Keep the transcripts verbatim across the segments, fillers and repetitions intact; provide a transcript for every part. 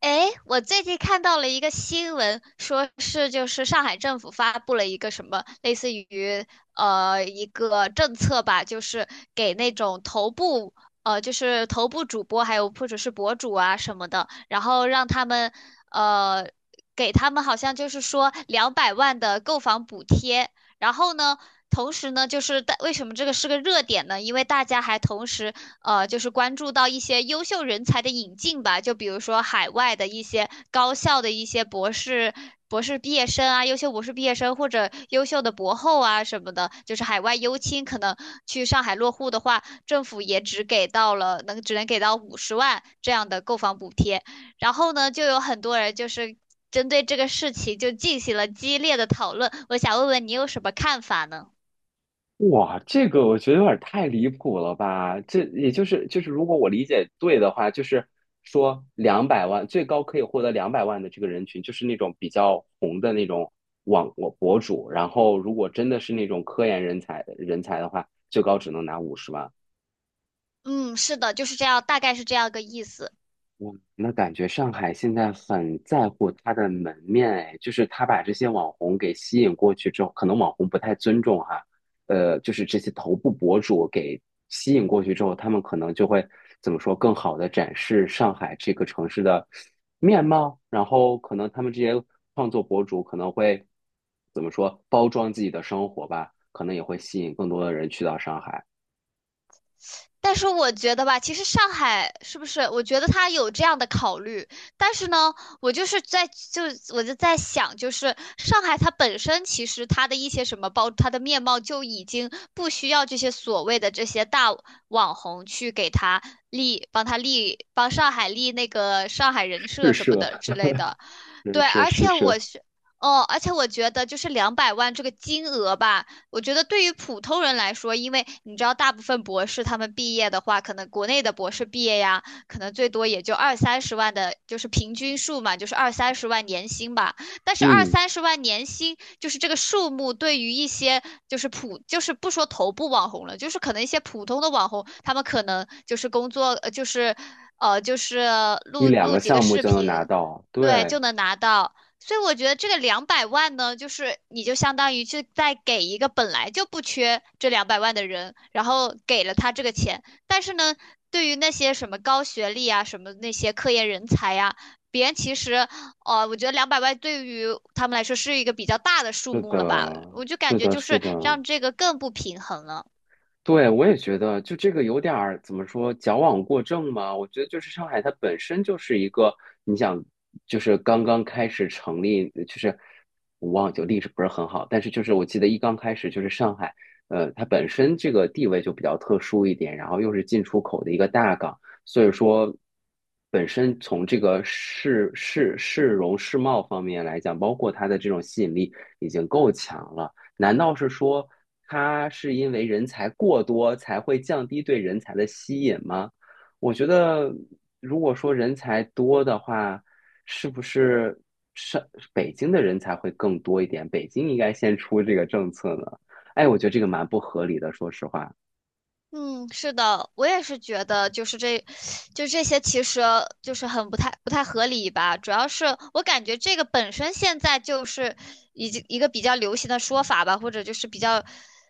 诶，我最近看到了一个新闻，说是就是上海政府发布了一个什么类似于呃一个政策吧，就是给那种头部呃就是头部主播还有或者是博主啊什么的，然后让他们呃给他们好像就是说两百万的购房补贴，然后呢。同时呢，就是大为什么这个是个热点呢？因为大家还同时呃，就是关注到一些优秀人才的引进吧，就比如说海外的一些高校的一些博士、博士毕业生啊，优秀博士毕业生或者优秀的博后啊什么的，就是海外优青，可能去上海落户的话，政府也只给到了能只能给到五十万这样的购房补贴，然后呢，就有很多人就是针对这个事情就进行了激烈的讨论，我想问问你有什么看法呢？哇，这个我觉得有点太离谱了吧？这也就是就是，如果我理解对的话，就是说两百万最高可以获得两百万的这个人群，就是那种比较红的那种网我博主。然后，如果真的是那种科研人才人才的话，最高只能拿五十万。嗯，是的，就是这样，大概是这样个意思。哇，那感觉上海现在很在乎它的门面，哎，就是他把这些网红给吸引过去之后，可能网红不太尊重哈，呃，就是这些头部博主给吸引过去之后，他们可能就会怎么说，更好的展示上海这个城市的面貌，然后可能他们这些创作博主可能会怎么说，包装自己的生活吧，可能也会吸引更多的人去到上海，但是我觉得吧，其实上海是不是？我觉得他有这样的考虑，但是呢，我就是在就我就在想，就是上海它本身其实它的一些什么包，它的面貌就已经不需要这些所谓的这些大网红去给他立，帮他立，帮上海立那个上海人是设什么奢，的之类的。人对，奢而是且奢，我是，哦，而且我觉得就是两百万这个金额吧，我觉得对于普通人来说，因为你知道，大部分博士他们毕业的话，可能国内的博士毕业呀，可能最多也就二三十万的，就是平均数嘛，就是二三十万年薪吧。但是二嗯。三十万年薪，就是这个数目，对于一些就是普，就是不说头部网红了，就是可能一些普通的网红，他们可能就是工作，呃，就是。呃，就是一录两录个几个项目视就能拿频，到。对，就对，能拿到。所以我觉得这个两百万呢，就是你就相当于是在给一个本来就不缺这两百万的人，然后给了他这个钱。但是呢，对于那些什么高学历啊，什么那些科研人才呀、别人其实，呃，我觉得两百万对于他们来说是一个比较大的数是目了吧？的，我就感是觉的，就是是的，让这个更不平衡了。对，我也觉得，就这个有点儿怎么说，矫枉过正嘛。我觉得就是上海，它本身就是一个，你想，就是刚刚开始成立，就是我忘记历史不是很好，但是就是我记得一刚开始就是上海，呃，它本身这个地位就比较特殊一点，然后又是进出口的一个大港，所以说本身从这个市市市容市貌方面来讲，包括它的这种吸引力已经够强了。难道是说它是因为人才过多才会降低对人才的吸引吗？我觉得，如果说人才多的话，是不是上北京的人才会更多一点？北京应该先出这个政策呢？哎，我觉得这个蛮不合理的，说实话。嗯，是的，我也是觉得，就是这，就这些，其实就是很不太不太合理吧。主要是我感觉这个本身现在就是已经一个比较流行的说法吧，或者就是比较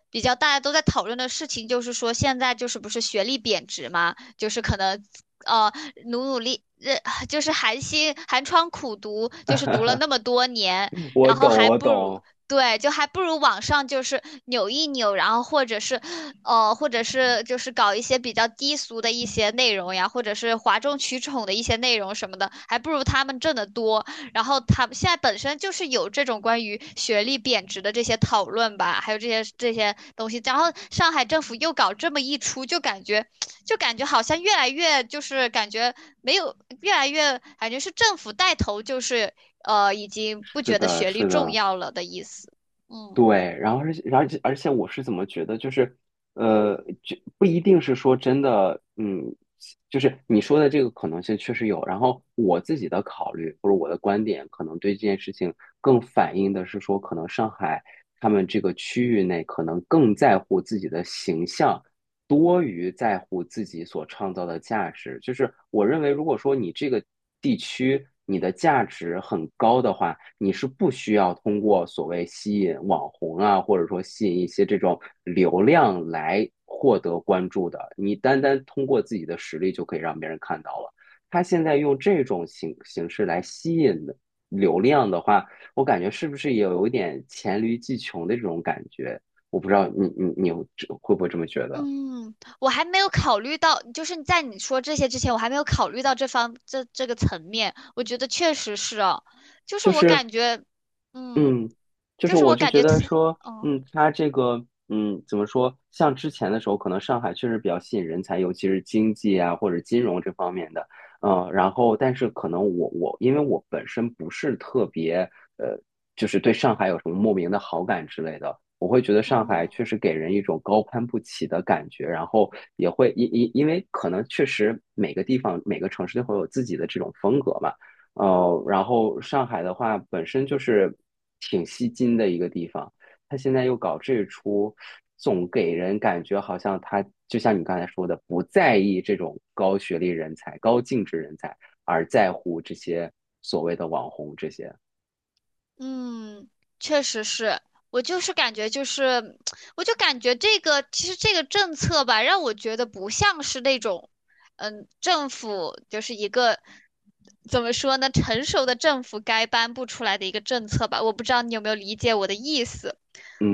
比较大家都在讨论的事情，就是说现在就是不是学历贬值嘛，就是可能呃努努力，呃就是寒心寒窗苦读，就是读了那么多年，嗯我然后懂，还我不如。懂。对，就还不如网上就是扭一扭，然后或者是，呃，或者是就是搞一些比较低俗的一些内容呀，或者是哗众取宠的一些内容什么的，还不如他们挣得多。然后他们现在本身就是有这种关于学历贬值的这些讨论吧，还有这些这些东西。然后上海政府又搞这么一出，就感觉就感觉好像越来越就是感觉没有越来越感觉是政府带头，就是呃已经不是觉得的，学历是重的。要了的意思。嗯对，然后而且，而且，而且，我是怎么觉得，就是，呃，就不一定是说真的，嗯，就是你说的这个可能性确实有。然后我自己的考虑或者我的观点，可能对这件事情更反映的是说，可能上海他们这个区域内可能更在乎自己的形象，多于在乎自己所创造的价值。就是我认为，如果说你这个地区你的价值很高的话，你是不需要通过所谓吸引网红啊，或者说吸引一些这种流量来获得关注的。你单单通过自己的实力就可以让别人看到了。他现在用这种形形式来吸引流量的话，我感觉是不是也有一点黔驴技穷的这种感觉？我不知道你你你会不会这么觉得？嗯，我还没有考虑到，就是在你说这些之前，我还没有考虑到这方这这个层面。我觉得确实是哦，就是就我是，感觉，嗯，嗯，就就是是我我就感觉觉，得说，嗯嗯，它这个，嗯，怎么说？像之前的时候，可能上海确实比较吸引人才，尤其是经济啊或者金融这方面的，嗯，然后但是可能我我因为我本身不是特别，呃，就是对上海有什么莫名的好感之类的。我会觉得上海嗯。确实给人一种高攀不起的感觉，然后也会因因因为可能确实每个地方每个城市都会有自己的这种风格嘛，呃，然后上海的话本身就是挺吸金的一个地方，他现在又搞这出，总给人感觉好像他就像你刚才说的，不在意这种高学历人才、高净值人才，而在乎这些所谓的网红这些。嗯，确实是，我就是感觉就是，我就感觉这个其实这个政策吧，让我觉得不像是那种，嗯，政府就是一个怎么说呢，成熟的政府该颁布出来的一个政策吧，我不知道你有没有理解我的意思。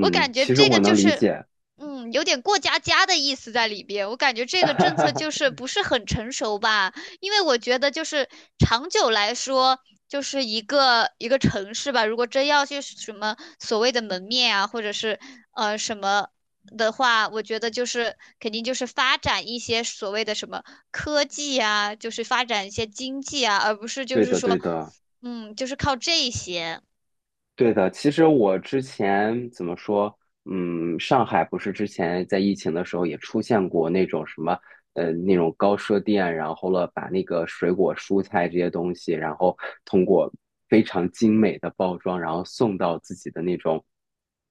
我感觉其实这我个能就理是，解。嗯，有点过家家的意思在里边。我感觉这个政策就 是不是很成熟吧，因为我觉得就是长久来说，就是一个一个城市吧，如果真要去什么所谓的门面啊，或者是呃什么的话，我觉得就是肯定就是发展一些所谓的什么科技啊，就是发展一些经济啊，而不是就对是的，对说，的。嗯，就是靠这些。对的，其实我之前怎么说，嗯，上海不是之前在疫情的时候也出现过那种什么，呃，那种高奢店，然后了把那个水果、蔬菜这些东西，然后通过非常精美的包装，然后送到自己的那种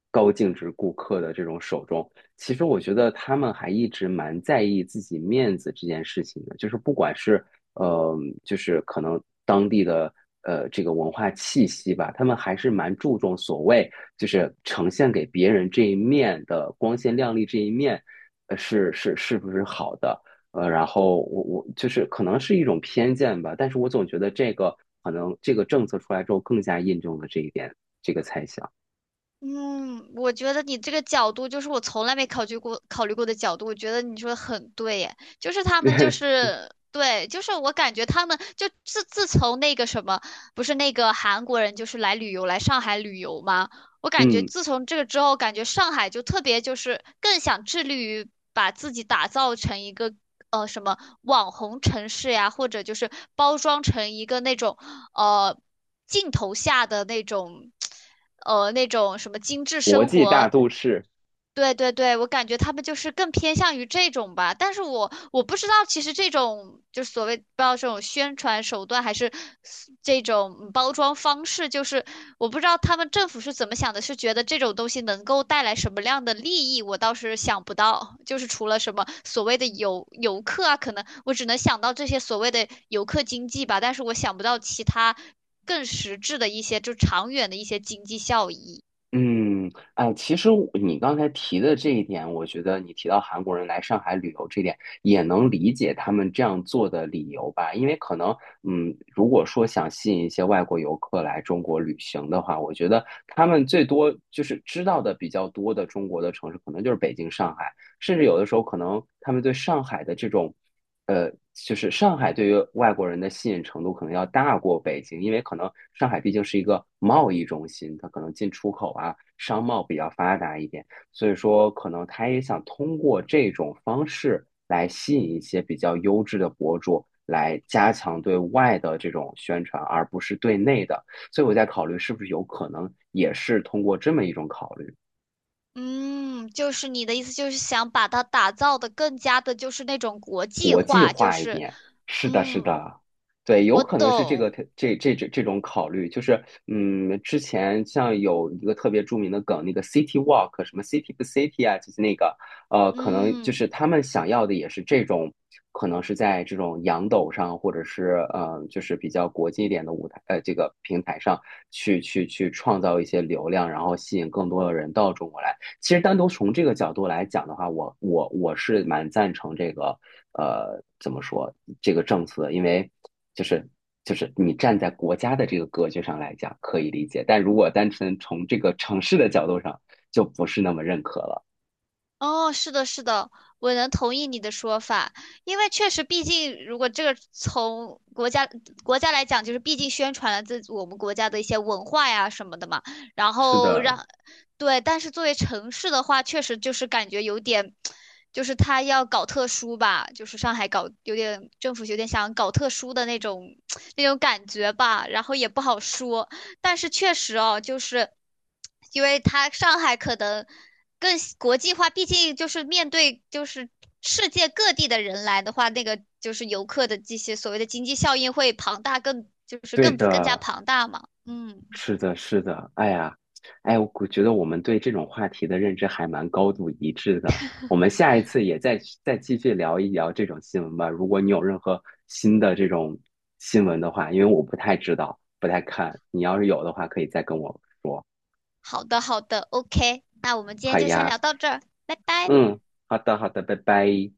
高净值顾客的这种手中。其实我觉得他们还一直蛮在意自己面子这件事情的，就是不管是呃，就是可能当地的呃这个文化气息吧，他们还是蛮注重所谓就是呈现给别人这一面的光鲜亮丽这一面，呃，是是是不是好的？呃，然后我我就是可能是一种偏见吧，但是我总觉得这个可能这个政策出来之后更加印证了这一点，这个猜想。嗯，我觉得你这个角度就是我从来没考虑过考虑过的角度，我觉得你说的很对耶，就是他们就 是对，就是我感觉他们就自自从那个什么，不是那个韩国人就是来旅游来上海旅游吗？我感觉嗯，自从这个之后，感觉上海就特别就是更想致力于把自己打造成一个呃什么网红城市呀，或者就是包装成一个那种呃镜头下的那种呃那种什么精致国生际大活。都市。对对对，我感觉他们就是更偏向于这种吧，但是我我不知道，其实这种就是所谓不知道这种宣传手段还是这种包装方式，就是我不知道他们政府是怎么想的，是觉得这种东西能够带来什么样的利益，我倒是想不到，就是除了什么所谓的游游客啊，可能我只能想到这些所谓的游客经济吧，但是我想不到其他更实质的一些就长远的一些经济效益。嗯，哎，其实我你刚才提的这一点，我觉得你提到韩国人来上海旅游这点，也能理解他们这样做的理由吧？因为可能，嗯，如果说想吸引一些外国游客来中国旅行的话，我觉得他们最多就是知道的比较多的中国的城市，可能就是北京、上海，甚至有的时候可能他们对上海的这种。呃，就是上海对于外国人的吸引程度可能要大过北京，因为可能上海毕竟是一个贸易中心，它可能进出口啊、商贸比较发达一点，所以说可能他也想通过这种方式来吸引一些比较优质的博主，来加强对外的这种宣传，而不是对内的。所以我在考虑是不是有可能也是通过这么一种考虑。嗯，就是你的意思就是想把它打造的更加的，就是那种国际化，就是，是的，是嗯，的，对，有我可能是这个懂，这这这这种考虑，就是嗯，之前像有一个特别著名的梗，那个 City Walk，什么 City 不 City 啊，就是那个呃，可能就嗯。是他们想要的也是这种，可能是在这种洋抖上，或者是呃，就是比较国际一点的舞台，呃，这个平台上去去去创造一些流量，然后吸引更多的人到中国来。其实单独从这个角度来讲的话，我我我是蛮赞成这个呃怎么说这个政策因为就是就是你站在国家的这个格局上来讲可以理解，但如果单纯从这个城市的角度上，就不是那么认可了。哦，是的，是的，我能同意你的说法，因为确实，毕竟如果这个从国家国家来讲，就是毕竟宣传了自我们国家的一些文化呀什么的嘛，然是后的，让，对，但是作为城市的话，确实就是感觉有点，就是他要搞特殊吧，就是上海搞有点政府有点想搞特殊的那种 那种感觉吧，然后也不好说，但是确实哦，就是因为他上海可能。更国际化，毕竟就是面对就是世界各地的人来的话，那个就是游客的这些所谓的经济效应会庞大更，就是对更更加的。庞大嘛。嗯，是的，是的，哎呀，哎，我估觉得我们对这种话题的认知还蛮高度一致的。我们下一次也再去再继续聊一聊这种新闻吧。如果你有任何新的这种新闻的话，因为我不太知道，不太看，你要是有的话，可以再跟我说。好的好的，OK，那我们今好天就先呀，聊到这儿，拜拜。嗯，好的，好的，拜拜。